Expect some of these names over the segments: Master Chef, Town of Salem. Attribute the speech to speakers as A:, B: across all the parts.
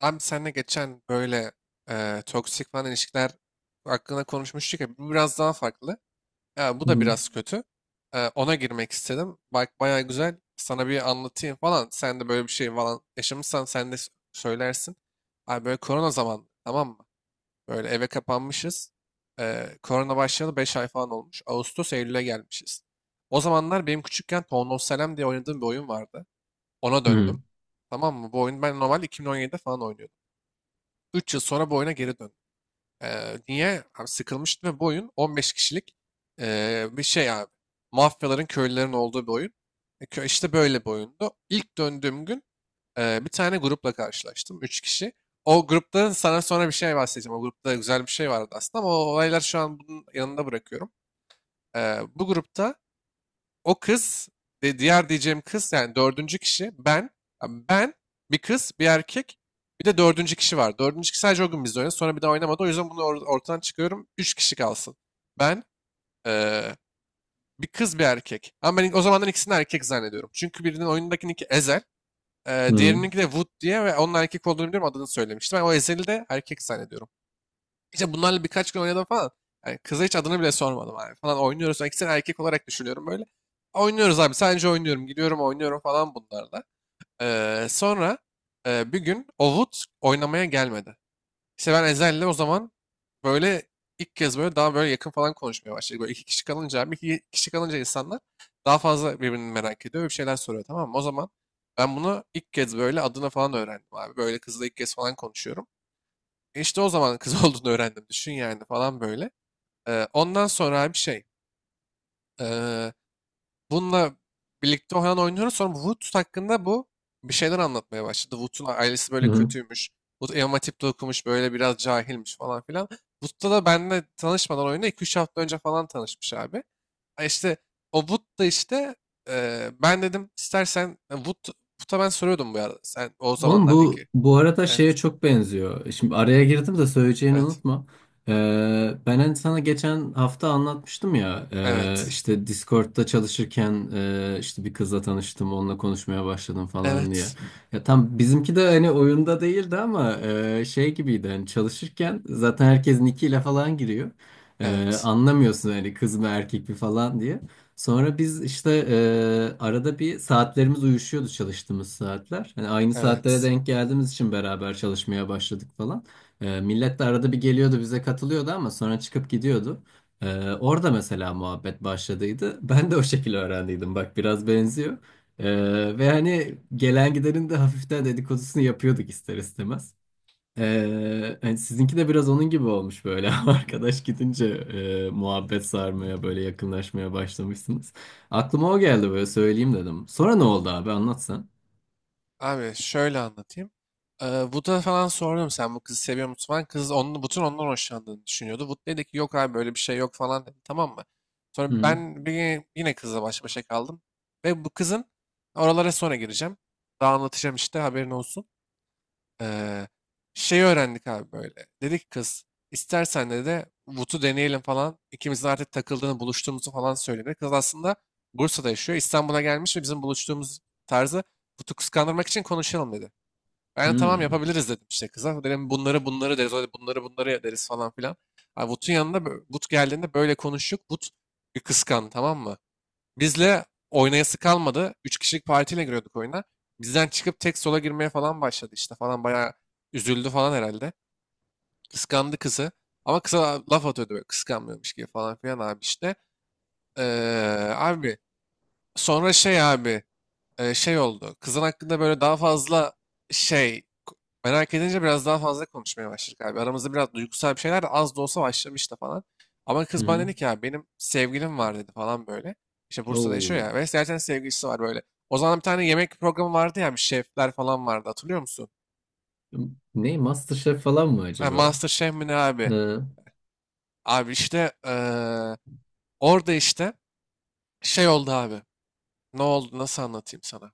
A: Abi seninle geçen böyle toksik falan ilişkiler hakkında konuşmuştuk ya bu biraz daha farklı. Ya bu da
B: Hı
A: biraz kötü. Ona girmek istedim. Bak bayağı güzel. Sana bir anlatayım falan. Sen de böyle bir şey falan yaşamışsan sen de söylersin. Abi böyle korona zamanı, tamam mı? Böyle eve kapanmışız. Korona başlayalı 5 ay falan olmuş. Ağustos Eylül'e gelmişiz. O zamanlar benim küçükken Town of Salem diye oynadığım bir oyun vardı. Ona
B: hı,
A: döndüm. Tamam mı? Bu oyunu ben normal 2017'de falan oynuyordum. 3 yıl sonra bu oyuna geri döndüm. Niye? Abi sıkılmıştım ve bu oyun 15 kişilik bir şey abi. Mafyaların, köylülerin olduğu bir oyun. İşte böyle bir oyundu. İlk döndüğüm gün bir tane grupla karşılaştım. 3 kişi. O grupta sana sonra bir şey bahsedeceğim. O grupta güzel bir şey vardı aslında ama o olaylar şu an bunun yanında bırakıyorum. Bu grupta o kız, de diğer diyeceğim kız yani dördüncü kişi ben, yani ben, bir kız, bir erkek, bir de dördüncü kişi var. Dördüncü kişi sadece o gün bizde oynadı. Sonra bir daha oynamadı. O yüzden bunu ortadan çıkıyorum. Üç kişi kalsın. Ben, eee, bir kız, bir erkek. Ama ben o zamandan ikisini erkek zannediyorum. Çünkü birinin oyundakinin iki Ezel,
B: hı
A: diğerininki de Wood diye ve onun erkek olduğunu biliyorum, adını söylemiştim. Ben o Ezel'i de erkek zannediyorum. İşte bunlarla birkaç gün oynadım falan. Yani kıza hiç adını bile sormadım abi, falan oynuyoruz. Yani ikisini erkek olarak düşünüyorum böyle. Oynuyoruz abi, sadece oynuyorum. Gidiyorum oynuyorum falan bunlarla. Sonra bir gün Ovut oynamaya gelmedi. İşte ben Ezel'le o zaman böyle ilk kez böyle daha böyle yakın falan konuşmaya başladık. Böyle iki kişi kalınca abi, iki kişi kalınca insanlar daha fazla birbirini merak ediyor ve bir şeyler soruyor, tamam mı? O zaman ben bunu ilk kez böyle adını falan öğrendim abi. Böyle kızla ilk kez falan konuşuyorum. İşte o zaman kız olduğunu öğrendim. Düşün yani falan böyle. Ondan sonra bir şey. ee, bununla birlikte oynuyoruz. Sonra Wood hakkında bu bir şeyler anlatmaya başladı. Wood'un ailesi böyle
B: hı.
A: kötüymüş. Wood Elma tipte okumuş. Böyle biraz cahilmiş falan filan. Wood'da da benimle tanışmadan oyunda 2 üç hafta önce falan tanışmış abi. Ha, İşte o Wood da işte ben dedim istersen Wood, Wood'a ben soruyordum bu arada. Sen o
B: Oğlum,
A: zamanlar
B: bu
A: iki.
B: bu arada şeye
A: Evet.
B: çok benziyor. Şimdi araya girdim de söyleyeceğini
A: Evet.
B: unutma. Ben hani sana geçen hafta anlatmıştım ya,
A: Evet.
B: işte Discord'da çalışırken, işte bir kızla tanıştım, onunla konuşmaya başladım falan diye.
A: Evet.
B: Ya tam bizimki de hani oyunda değildi ama şey gibiydi, hani çalışırken zaten herkes nickiyle falan giriyor.
A: Evet.
B: Anlamıyorsun hani, kız mı erkek mi falan diye. Sonra biz işte, arada bir saatlerimiz uyuşuyordu, çalıştığımız saatler. Hani aynı saatlere
A: Evet.
B: denk geldiğimiz için beraber çalışmaya başladık falan. Millet de arada bir geliyordu, bize katılıyordu ama sonra çıkıp gidiyordu. Orada mesela muhabbet başladıydı. Ben de o şekilde öğrendiydim. Bak, biraz benziyor. Ve hani gelen gidenin de hafiften dedikodusunu yapıyorduk, ister istemez. Hani sizinki de biraz onun gibi olmuş böyle, arkadaş gidince muhabbet sarmaya, böyle yakınlaşmaya başlamışsınız. Aklıma o geldi, böyle söyleyeyim dedim. Sonra ne oldu abi, anlatsan.
A: Abi şöyle anlatayım. Wood'a falan sordum, sen bu kızı seviyor musun falan. Kız onun, bütün ondan hoşlandığını düşünüyordu. Wood dedi ki yok abi böyle bir şey yok falan dedi, tamam mı?
B: Hı
A: Sonra
B: hı.
A: ben bir, yine kızla baş başa kaldım. Ve bu kızın, oralara sonra gireceğim. Daha anlatacağım işte, haberin olsun. Ee, şey öğrendik abi böyle. Dedi ki kız, istersen de Vut'u deneyelim falan. İkimizin artık takıldığını, buluştuğumuzu falan söyledi. Kız aslında Bursa'da yaşıyor. İstanbul'a gelmiş ve bizim buluştuğumuz tarzı Vut'u kıskandırmak için konuşalım dedi. Ben de tamam, yapabiliriz dedim işte kıza. Dedim bunları bunları deriz. Öyle bunları bunları deriz falan filan. Abi Vut'un yanında Vut geldiğinde böyle konuştuk. Vut bir kıskandı, tamam mı? Bizle oynayası kalmadı. Üç kişilik partiyle giriyorduk oyuna. Bizden çıkıp tek sola girmeye falan başladı işte falan, bayağı üzüldü falan herhalde. Kıskandı kızı. Ama kıza laf atıyordu böyle kıskanmıyormuş gibi falan filan abi işte. Abi sonra şey abi şey oldu. Kızın hakkında böyle daha fazla şey merak edince biraz daha fazla konuşmaya başladık abi. Aramızda biraz duygusal bir şeyler de, az da olsa, başlamıştı falan. Ama
B: Hı
A: kız bana
B: hı.
A: dedi ki ya benim sevgilim var dedi falan böyle. İşte Bursa'da yaşıyor
B: Oo.
A: ya ve zaten sevgilisi var böyle. O zaman bir tane yemek programı vardı ya, bir şefler falan vardı, hatırlıyor musun?
B: Ne, MasterChef falan mı
A: Ha,
B: acaba?
A: Master Chef mi ne abi?
B: Hı.
A: Abi işte orada işte şey oldu abi. Ne oldu, nasıl anlatayım sana?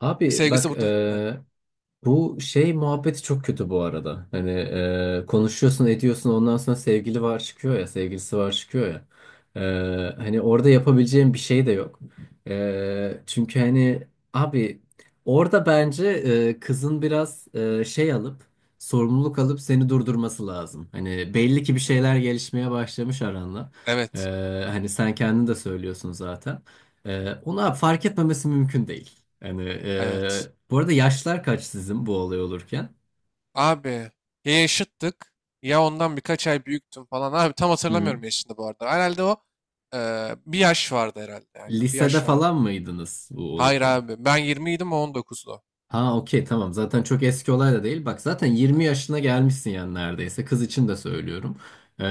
B: Abi
A: Sevgilisi
B: bak,
A: burada, evet.
B: bu şey muhabbeti çok kötü bu arada. Hani konuşuyorsun ediyorsun, ondan sonra sevgili var çıkıyor ya, sevgilisi var çıkıyor ya. Hani orada yapabileceğim bir şey de yok. Çünkü hani, abi, orada bence kızın biraz şey alıp, sorumluluk alıp seni durdurması lazım. Hani belli ki bir şeyler gelişmeye başlamış aranla. E,
A: Evet,
B: Hani sen kendin de söylüyorsun zaten. Ona fark etmemesi mümkün değil. Yani
A: evet.
B: bu arada yaşlar kaç sizin bu olay olurken?
A: Abi ya yaşıttık ya ondan birkaç ay büyüktüm falan. Abi tam
B: Hı.
A: hatırlamıyorum yaşını bu arada. Herhalde o bir yaş vardı herhalde. Aynen, bir
B: Lisede
A: yaş vardı.
B: falan mıydınız bu
A: Hayır
B: olurken?
A: abi, ben 20 idim, o 19'du.
B: Ha, okey, tamam, zaten çok eski olay da değil. Bak zaten
A: Ha,
B: 20 yaşına gelmişsin yani, neredeyse. Kız için de söylüyorum. Ee,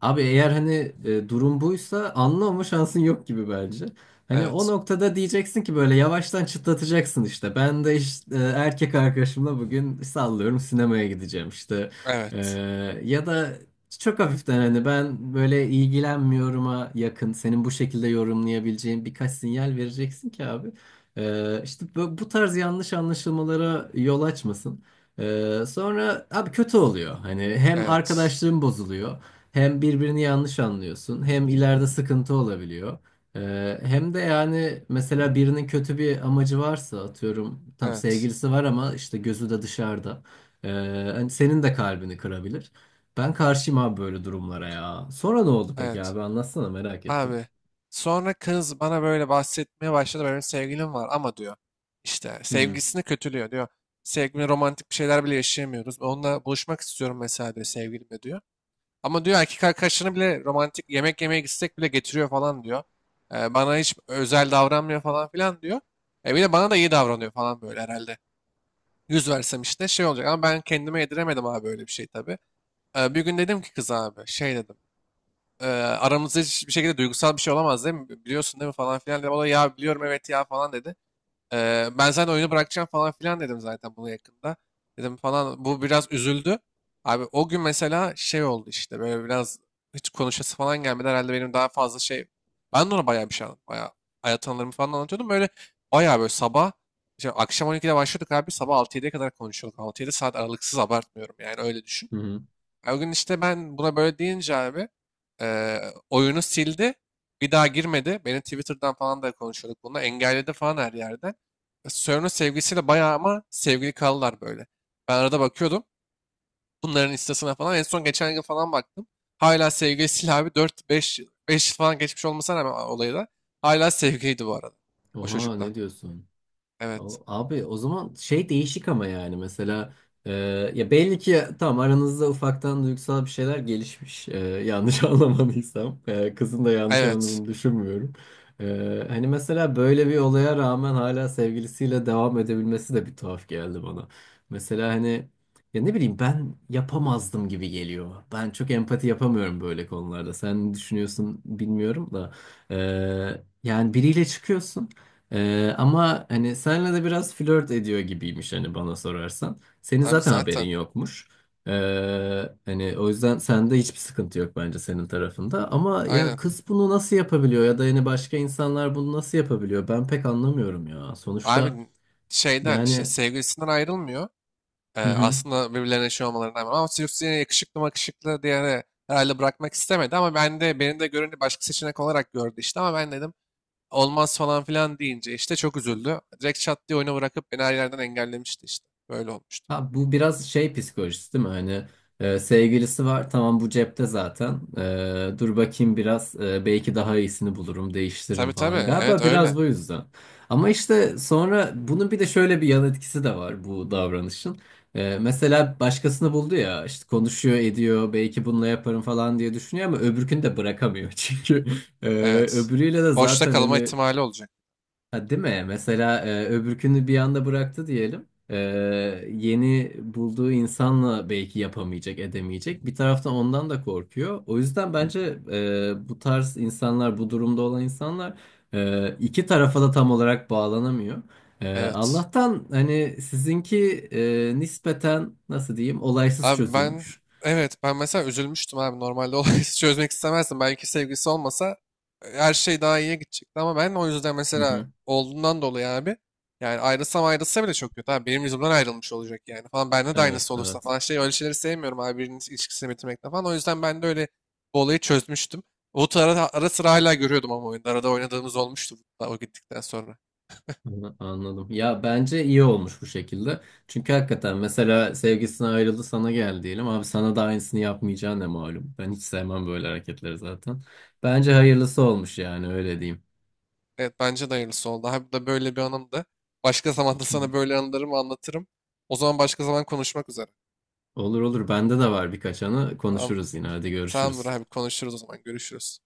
B: Abi, eğer hani durum buysa, anlama şansın yok gibi bence. Hani o
A: evet,
B: noktada diyeceksin ki böyle yavaştan çıtlatacaksın işte. Ben de işte, erkek arkadaşımla bugün sallıyorum sinemaya gideceğim işte. Ee,
A: evet,
B: Ya da çok hafiften, hani ben böyle ilgilenmiyorum'a yakın, senin bu şekilde yorumlayabileceğin birkaç sinyal vereceksin ki, abi. İşte bu tarz yanlış anlaşılmalara yol açmasın. Sonra abi, kötü oluyor. Hani hem
A: evet,
B: arkadaşlığın bozuluyor, hem birbirini yanlış anlıyorsun, hem ileride sıkıntı olabiliyor. Hem de yani mesela birinin kötü bir amacı varsa, atıyorum, tam
A: evet,
B: sevgilisi var ama işte gözü de dışarıda. Ee, Hani senin de kalbini kırabilir. Ben karşıyım abi böyle durumlara ya. Sonra ne oldu peki
A: evet.
B: abi, anlatsana, merak ettim.
A: Abi sonra kız bana böyle bahsetmeye başladı. Benim sevgilim var ama diyor. İşte
B: Hı hı,
A: sevgilisini kötülüyor diyor. Sevgilimle romantik bir şeyler bile yaşayamıyoruz, onunla buluşmak istiyorum mesela diyor, sevgilimle diyor. Ama diyor erkek arkadaşlarını bile romantik yemek yemeye gitsek bile getiriyor falan diyor. Bana hiç özel davranmıyor falan filan diyor. Bir de bana da iyi davranıyor falan böyle herhalde. Yüz versem işte şey olacak ama ben kendime yediremedim abi böyle bir şey tabii. Bir gün dedim ki kız abi şey dedim. Eee, aramızda hiçbir şekilde duygusal bir şey olamaz değil mi? Biliyorsun değil mi falan filan dedim. O da ya biliyorum evet ya falan dedi. Ben zaten oyunu bırakacağım falan filan dedim zaten, bunu yakında. Dedim falan, bu biraz üzüldü. Abi o gün mesela şey oldu işte, böyle biraz hiç konuşası falan gelmedi. Herhalde benim daha fazla şey. Ben de ona bayağı bir şey anlattım. Bayağı hayat anılarımı falan anlatıyordum. Böyle bayağı böyle sabah işte akşam 12'de başlıyorduk abi. Sabah 6-7'ye kadar konuşuyorduk. 6-7 saat aralıksız, abartmıyorum yani, öyle düşün.
B: hı hı.
A: O gün işte ben buna böyle deyince abi oyunu sildi. Bir daha girmedi. Beni Twitter'dan falan da konuşuyorduk bununla. Engelledi falan her yerden. Sörn'ün sevgilisiyle bayağı, ama sevgili kaldılar böyle. Ben arada bakıyordum. Bunların instasına falan. En son geçen yıl falan baktım. Hala sevgilisiyle abi, dört beş beş yıl falan geçmiş olmasına rağmen olayı da. Hala sevgiliydi bu arada. O
B: Oha,
A: çocukla.
B: ne diyorsun?
A: Evet.
B: O- Abi, o zaman şey, değişik ama yani mesela e, ya belli ki tamam, aranızda ufaktan duygusal bir şeyler gelişmiş. Yanlış anlamadıysam, kızın da yanlış
A: Evet.
B: anladığını düşünmüyorum. Hani mesela böyle bir olaya rağmen hala sevgilisiyle devam edebilmesi de bir tuhaf geldi bana. Mesela hani, ya ne bileyim, ben yapamazdım gibi geliyor. Ben çok empati yapamıyorum böyle konularda. Sen ne düşünüyorsun bilmiyorum da, E, yani biriyle çıkıyorsun. Ama hani senle de biraz flört ediyor gibiymiş, hani bana sorarsan. Senin
A: Abi
B: zaten haberin
A: zaten.
B: yokmuş. Ee, Hani o yüzden sende hiçbir sıkıntı yok, bence senin tarafında. Ama ya
A: Aynen.
B: kız bunu nasıl yapabiliyor, ya da yani başka insanlar bunu nasıl yapabiliyor? Ben pek anlamıyorum ya. Sonuçta
A: Abi şeyden, işte
B: yani...
A: sevgilisinden ayrılmıyor. Ee,
B: Hı hı.
A: aslında birbirlerine şey olmalarına rağmen ama Sirius yine yakışıklı makışıklı diye herhalde bırakmak istemedi, ama ben de, beni de görünce başka seçenek olarak gördü işte, ama ben dedim olmaz falan filan deyince işte çok üzüldü. Direkt çat diye oyunu bırakıp beni her yerden engellemişti işte. Böyle olmuştu.
B: Ha, bu biraz şey psikolojisi değil mi? Hani sevgilisi var, tamam, bu cepte zaten. Dur bakayım biraz, belki daha iyisini bulurum,
A: Tabii
B: değiştiririm
A: tabii,
B: falan.
A: evet
B: Galiba
A: öyle.
B: biraz bu yüzden. Ama işte sonra bunun bir de şöyle bir yan etkisi de var bu davranışın. Mesela başkasını buldu ya, işte konuşuyor ediyor, belki bununla yaparım falan diye düşünüyor ama öbürkünü de bırakamıyor. Çünkü e,
A: Evet.
B: öbürüyle de
A: Boşta
B: zaten
A: kalma
B: hani...
A: ihtimali olacak.
B: Ha, değil mi? Mesela öbürkünü bir anda bıraktı diyelim. Yeni bulduğu insanla belki yapamayacak, edemeyecek. Bir taraftan ondan da korkuyor. O yüzden bence bu tarz insanlar, bu durumda olan insanlar iki tarafa da tam olarak bağlanamıyor.
A: Evet.
B: Allah'tan hani sizinki nispeten, nasıl diyeyim, olaysız
A: Abi ben,
B: çözülmüş.
A: evet, ben mesela üzülmüştüm abi normalde olayı çözmek istemezdim. Belki sevgilisi olmasa her şey daha iyiye gidecekti ama ben o yüzden
B: Hı
A: mesela
B: hı.
A: olduğundan dolayı abi, yani ayrılsa bile çok kötü abi, benim yüzümden ayrılmış olacak yani falan, bende de
B: Evet,
A: aynısı olursa
B: evet.
A: falan, şey, öyle şeyleri sevmiyorum abi, birinin ilişkisini bitirmekten falan, o yüzden ben de öyle bu olayı çözmüştüm. Umut'u ara sıra hala görüyordum ama oyunda arada oynadığımız olmuştu Wood'la, o gittikten sonra.
B: Anla- Anladım. Ya bence iyi olmuş bu şekilde. Çünkü hakikaten mesela sevgisine ayrıldı sana gel diyelim. Abi sana da aynısını yapmayacağı ne malum. Ben hiç sevmem böyle hareketleri zaten. Bence hayırlısı olmuş, yani öyle diyeyim.
A: Evet, bence de hayırlısı oldu. Hem da böyle bir anımdı. Başka zaman da
B: Hı, hı.
A: sana böyle anılarımı anlatırım. O zaman başka zaman konuşmak üzere.
B: Olur olur, bende de var birkaç anı,
A: Tamam.
B: konuşuruz yine, hadi
A: Tamamdır
B: görüşürüz.
A: abi, konuşuruz o zaman. Görüşürüz.